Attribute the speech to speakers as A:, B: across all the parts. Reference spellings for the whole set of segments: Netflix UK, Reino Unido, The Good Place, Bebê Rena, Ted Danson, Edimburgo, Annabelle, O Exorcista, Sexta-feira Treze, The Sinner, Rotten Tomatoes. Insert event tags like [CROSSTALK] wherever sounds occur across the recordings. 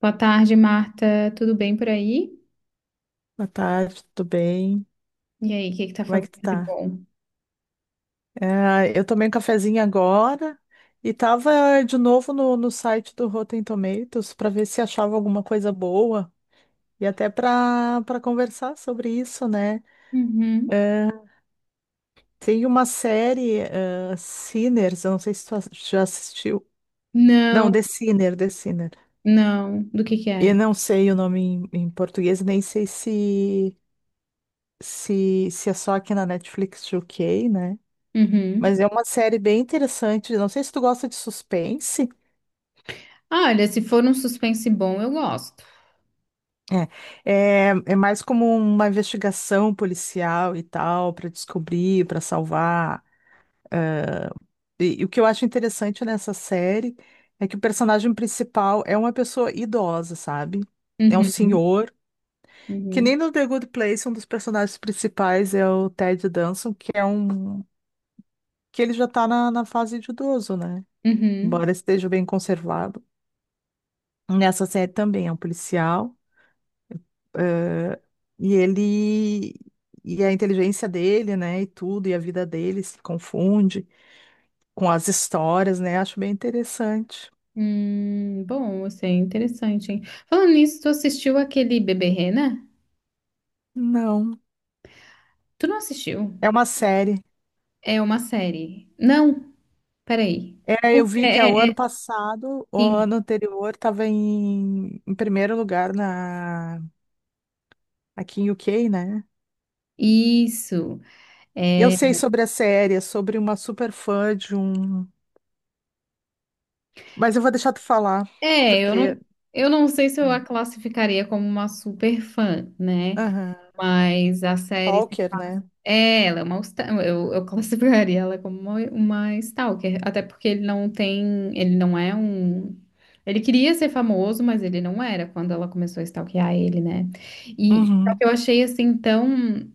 A: Boa tarde, Marta. Tudo bem por aí?
B: Boa tarde, tudo bem?
A: E aí, o que que tá
B: Como é que tu
A: fazendo de
B: tá?
A: bom?
B: Eu tomei um cafezinho agora e tava de novo no site do Rotten Tomatoes para ver se achava alguma coisa boa e até para conversar sobre isso, né?
A: Uhum.
B: Tem uma série, Sinners, eu não sei se já assistiu. Não,
A: Não,
B: The Sinner, The Sinner.
A: não. Do que
B: Eu
A: é?
B: não sei o nome em português, nem sei se é só aqui na Netflix UK, né? Mas
A: Uhum.
B: é uma série bem interessante. Não sei se tu gosta de suspense.
A: Ah, olha, se for um suspense bom, eu gosto.
B: É mais como uma investigação policial e tal, para descobrir, para salvar. E o que eu acho interessante nessa série é que o personagem principal é uma pessoa idosa, sabe? É um
A: Uhum.
B: senhor. Que
A: Uhum.
B: nem no The Good Place, um dos personagens principais é o Ted Danson, que é um. Que ele já tá na fase de idoso, né?
A: Uhum.
B: Embora esteja bem conservado. Nessa série também é um policial. eh, e ele e a inteligência dele, né, e tudo, e a vida dele se confunde com as histórias, né? Acho bem interessante.
A: Bom, assim, é interessante, hein? Falando nisso, tu assistiu aquele Bebê Rena?
B: Não,
A: Tu não assistiu?
B: é uma série.
A: É uma série. Não, peraí.
B: É, eu vi que é o
A: É, é,
B: ano
A: é,
B: passado, o
A: sim.
B: ano anterior, estava em primeiro lugar na aqui em UK, né?
A: Isso.
B: Eu
A: É,
B: sei sobre a série, é sobre uma super fã de um, mas eu vou deixar tu falar,
A: É, eu
B: porque,
A: não, eu não sei se eu a classificaria como uma super fã, né?
B: aham.
A: Mas a série,
B: Stalker, né?
A: é, ela é uma, eu [LAUGHS] classificaria ela como uma stalker, até porque ele não é um, ele queria ser famoso, mas ele não era quando ela começou a stalkear ele, né? E só
B: Uhum.
A: que eu achei assim tão,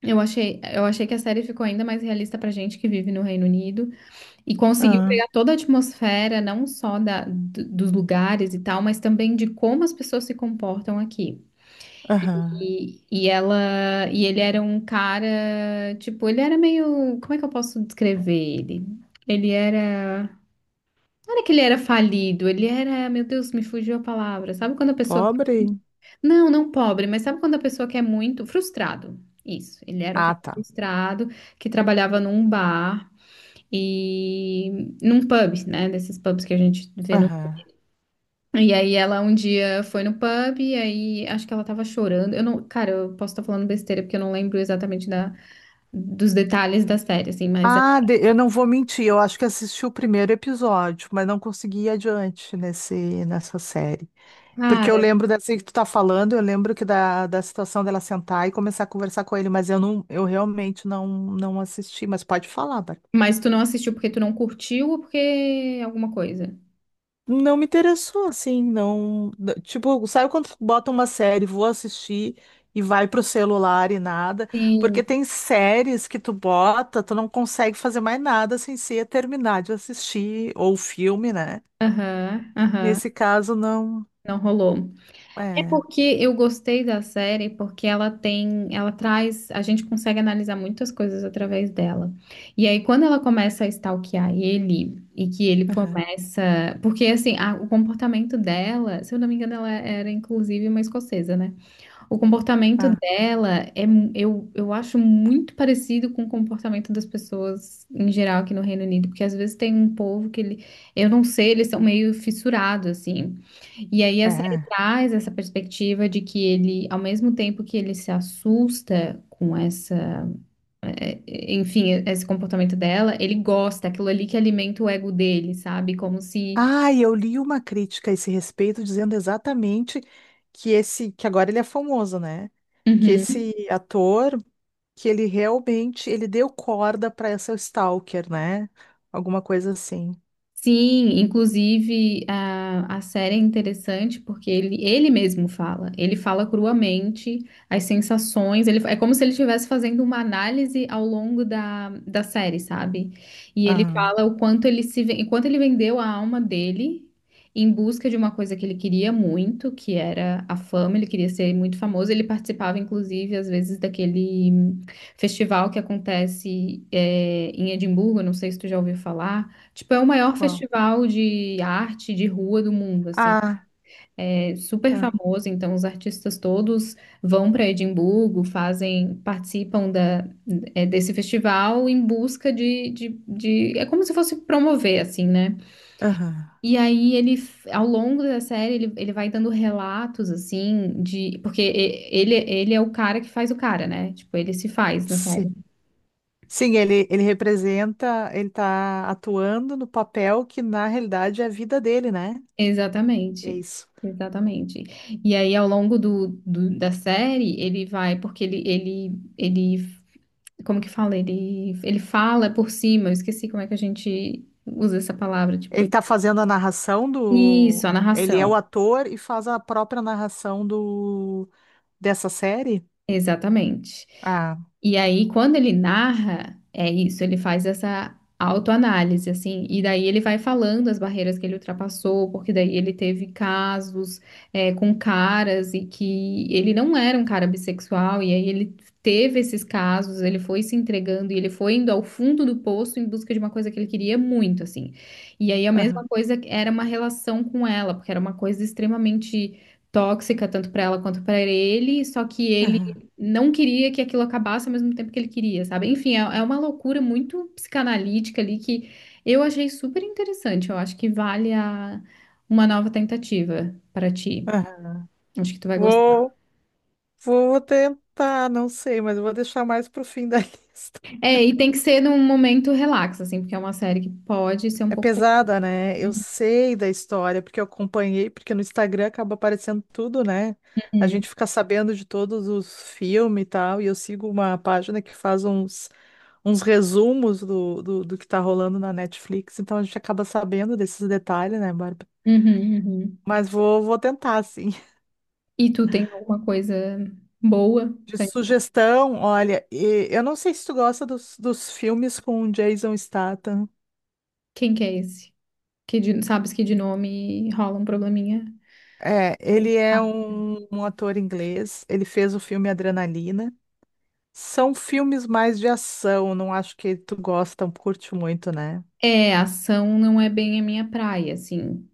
A: eu achei que a série ficou ainda mais realista pra gente que vive no Reino Unido. E conseguiu
B: Ah,
A: pegar toda a atmosfera, não só da, dos lugares e tal, mas também de como as pessoas se comportam aqui.
B: aham.
A: E ele era um cara, tipo, ele era meio, como é que eu posso descrever ele? Ele era, não era que ele era falido, ele era, meu Deus, me fugiu a palavra. Sabe quando a pessoa,
B: Pobre.
A: não, não pobre, mas sabe quando a pessoa quer muito, frustrado. Isso, ele era um
B: Ah,
A: cara
B: tá.
A: frustrado que trabalhava num bar e num pub, né? Desses pubs que a gente vê no.
B: Aham.
A: E aí ela um dia foi no pub e aí acho que ela tava chorando. Eu não, cara, eu posso estar falando besteira porque eu não lembro exatamente da, dos detalhes da série, assim, mas é-
B: Ah, de- eu não vou mentir, eu acho que assisti o primeiro episódio, mas não consegui ir adiante nessa série. Porque eu
A: cara,
B: lembro dessa que tu tá falando, eu lembro que da situação dela sentar e começar a conversar com ele, mas eu realmente não assisti, mas pode falar.
A: mas tu não assistiu porque tu não curtiu ou porque alguma coisa?
B: Não me interessou, assim, não. N- tipo, sabe quando bota uma série, vou assistir e vai pro celular e nada?
A: Sim.
B: Porque tem séries que tu bota, tu não consegue fazer mais nada sem ser terminar de assistir, ou filme, né?
A: Aham, aham,
B: Nesse caso, não.
A: não rolou. É
B: É.
A: porque eu gostei da série porque ela traz, a gente consegue analisar muitas coisas através dela. E aí quando ela começa a stalkear ele e que ele
B: Aham.
A: começa, porque assim, o comportamento dela, se eu não me engano, ela era inclusive uma escocesa, né? O comportamento
B: Ah,
A: dela é, eu acho muito parecido com o comportamento das pessoas em geral aqui no Reino Unido, porque às vezes tem um povo que ele, eu não sei, eles são meio fissurados assim. E aí a série
B: é.
A: traz essa perspectiva de que ele, ao mesmo tempo que ele se assusta com essa, eh, enfim, esse comportamento dela, ele gosta, aquilo ali que alimenta o ego dele, sabe? Como se,
B: Ah, eu li uma crítica a esse respeito dizendo exatamente que esse, que agora ele é famoso, né? Que
A: uhum.
B: esse ator. Que ele realmente ele deu corda para essa stalker, né? Alguma coisa assim.
A: Sim, inclusive a série é interessante porque ele mesmo fala, ele fala cruamente as sensações, ele, é como se ele estivesse fazendo uma análise ao longo da, da série, sabe? E ele
B: Aham.
A: fala o quanto ele se, ven- o quanto ele vendeu a alma dele em busca de uma coisa que ele queria muito, que era a fama, ele queria ser muito famoso, ele participava inclusive às vezes daquele festival que acontece em Edimburgo, não sei se tu já ouviu falar. Tipo, é o maior
B: Qual?
A: festival de arte de rua do mundo, assim.
B: Ah,
A: É super
B: ah,
A: famoso, então os artistas todos vão para Edimburgo, fazem, participam da, é, desse festival em busca de... É como se fosse promover, assim, né?
B: aham.
A: E aí ele, ao longo da série, ele vai dando relatos, assim, de... Porque ele é o cara que faz o cara, né? Tipo, ele se faz na série.
B: Sim. Sim, ele representa, ele tá atuando no papel que na realidade é a vida dele, né? É
A: Exatamente,
B: isso.
A: exatamente. E aí, ao longo do, da série, ele vai, porque ele, como que fala? Ele fala por cima, eu esqueci como é que a gente usa essa palavra, tipo,
B: Ele
A: ele-
B: tá fazendo a narração
A: isso,
B: do.
A: a
B: Ele é o
A: narração.
B: ator e faz a própria narração do dessa série?
A: Exatamente.
B: Ah,
A: E aí, quando ele narra, é isso, ele faz essa autoanálise, assim, e daí ele vai falando as barreiras que ele ultrapassou, porque daí ele teve casos é, com caras e que ele não era um cara bissexual, e aí ele teve esses casos, ele foi se entregando e ele foi indo ao fundo do poço em busca de uma coisa que ele queria muito, assim. E aí a mesma
B: aham,
A: coisa era uma relação com ela, porque era uma coisa extremamente tóxica tanto para ela quanto para ele, só que ele
B: aham,
A: não queria que aquilo acabasse ao mesmo tempo que ele queria, sabe? Enfim, é uma loucura muito psicanalítica ali que eu achei super interessante. Eu acho que vale a, uma nova tentativa para ti.
B: aham.
A: Acho que tu vai gostar.
B: Uou! Vou tentar, não sei, mas eu vou deixar mais pro fim da [LAUGHS] lista.
A: É, e tem que ser num momento relax, assim, porque é uma série que pode ser um
B: É
A: pouco.
B: pesada, né? Eu sei da história, porque eu acompanhei, porque no Instagram acaba aparecendo tudo, né? A
A: Uhum,
B: gente fica sabendo de todos os filmes e tal, e eu sigo uma página que faz uns, uns resumos do que tá rolando na Netflix, então a gente acaba sabendo desses detalhes, né, Bárbara?
A: uhum, uhum.
B: Mas vou tentar, sim. [LAUGHS]
A: E tu tem alguma coisa boa
B: De
A: pra mim?
B: sugestão, olha, e- eu não sei se tu gosta dos filmes com o Jason Statham.
A: Quem que é esse? Que de- sabes que de nome rola um probleminha?
B: É, ele é
A: Ah.
B: um ator inglês, ele fez o filme Adrenalina. São filmes mais de ação, não acho que tu gosta, curte muito, né?
A: É, ação não é bem a minha praia, assim.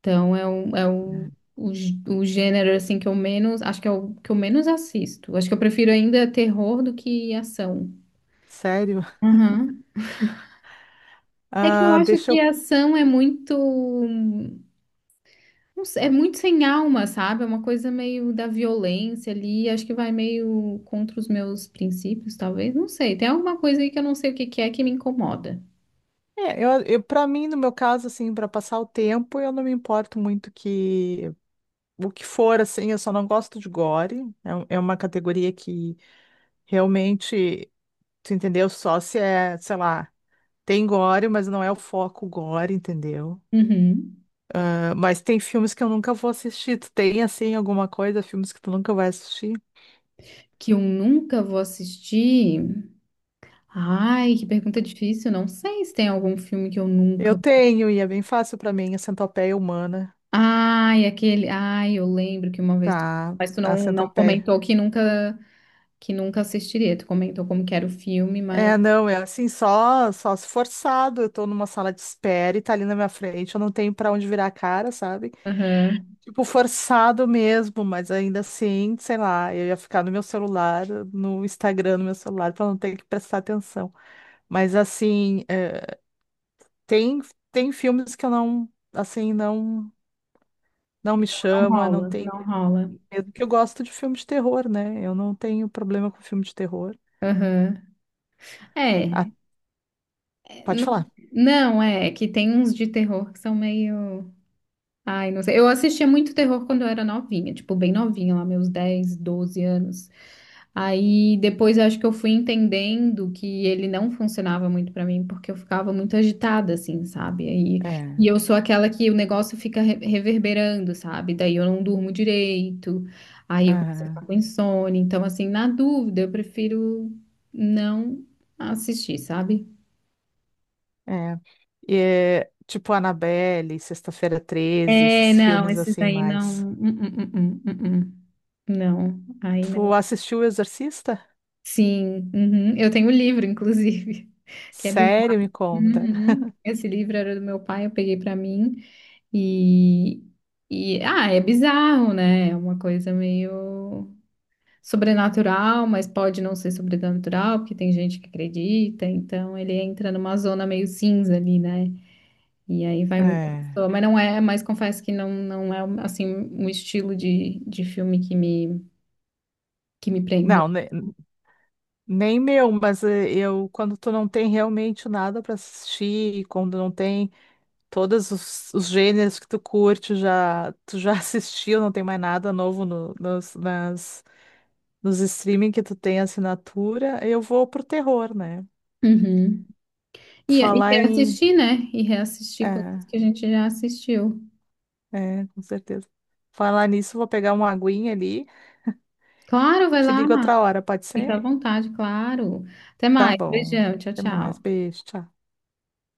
A: Então é um, o, gê- o gênero assim que eu menos, acho que é o que eu menos assisto. Acho que eu prefiro ainda terror do que ação.
B: Sério? [LAUGHS]
A: Aham. É que eu
B: Ah,
A: acho
B: deixa
A: que
B: eu.
A: ação é muito, não sei, é muito sem alma, sabe? É uma coisa meio da violência ali, acho que vai meio contra os meus princípios, talvez, não sei. Tem alguma coisa aí que eu não sei o que que é que me incomoda.
B: Eu para mim, no meu caso, assim, para passar o tempo, eu não me importo muito que o que for, assim, eu só não gosto de gore. É, um- é uma categoria que realmente, tu entendeu? Só se é, sei lá, tem gore, mas não é o foco gore, entendeu?
A: Uhum.
B: Mas tem filmes que eu nunca vou assistir. Tu tem, assim, alguma coisa, filmes que tu nunca vai assistir?
A: Que eu nunca vou assistir. Ai, que pergunta difícil. Não sei se tem algum filme que eu
B: Eu
A: nunca.
B: tenho, e é bem fácil pra mim, a Centopeia Humana.
A: Ai, aquele. Ai, eu lembro que uma vez. Tu-
B: Tá,
A: Mas tu
B: a
A: não, não
B: Centopeia.
A: comentou que nunca assistiria. Tu comentou como que era o filme, mas.
B: É, não, é assim, só se forçado. Eu tô numa sala de espera e tá ali na minha frente, eu não tenho pra onde virar a cara, sabe?
A: Aham.
B: Tipo, forçado mesmo, mas ainda assim, sei lá, eu ia ficar no meu celular, no Instagram, no meu celular, pra não ter que prestar atenção. Mas assim, é, tem, tem filmes que eu não, assim, não. Não me
A: Não
B: chama, não
A: rola,
B: tem.
A: não rola.
B: Mesmo que eu gosto de filme de terror, né? Eu não tenho problema com filme de terror.
A: Aham.
B: Ah,
A: É. é,
B: pode
A: Não,
B: falar.
A: não, é é que tem uns de terror que são meio. Ai, não sei. Eu assistia muito terror quando eu era novinha, tipo, bem novinha, lá, meus 10, 12 anos. Aí depois eu acho que eu fui entendendo que ele não funcionava muito pra mim, porque eu ficava muito agitada, assim, sabe? Aí, e
B: É,
A: eu sou aquela que o negócio fica reverberando, sabe? Daí eu não durmo direito, aí eu começo a
B: aham,
A: ficar com insônia. Então, assim, na dúvida, eu prefiro não assistir, sabe?
B: é. E é, tipo Annabelle, Sexta-feira Treze,
A: É,
B: esses
A: não,
B: filmes
A: esses
B: assim
A: aí não.
B: mais.
A: Hum, hum, hum. Não, aí não.
B: Tu assistiu O Exorcista?
A: Sim, uhum. Eu tenho o livro, inclusive, [LAUGHS] que é
B: Sério, me conta.
A: uhum. Esse livro era do meu pai, eu peguei pra mim e, e ah, é bizarro, né? É uma coisa meio sobrenatural, mas pode não ser sobrenatural, porque tem gente que acredita, então ele entra numa zona meio cinza ali, né? E aí vai muita
B: É.
A: pessoa, mas não é, mas confesso que não, não é assim um estilo de filme que me prende.
B: Não, né, nem meu, mas eu, quando tu não tem realmente nada para assistir, e quando não tem todos os gêneros que tu curte, já, tu já [LAUGHS] assistiu, não tem mais nada novo nos streaming que tu tem assinatura, eu vou pro terror, né?
A: Uhum. E
B: Falar em.
A: reassistir, né? E reassistir coisas
B: É,
A: que a gente já assistiu.
B: é, com certeza. Falar nisso, vou pegar uma aguinha ali,
A: Claro, vai
B: te
A: lá.
B: ligo outra hora, pode
A: Fica
B: ser?
A: à vontade, claro. Até
B: Tá
A: mais.
B: bom.
A: Beijão. Tchau,
B: Até mais,
A: tchau.
B: beijo, tchau.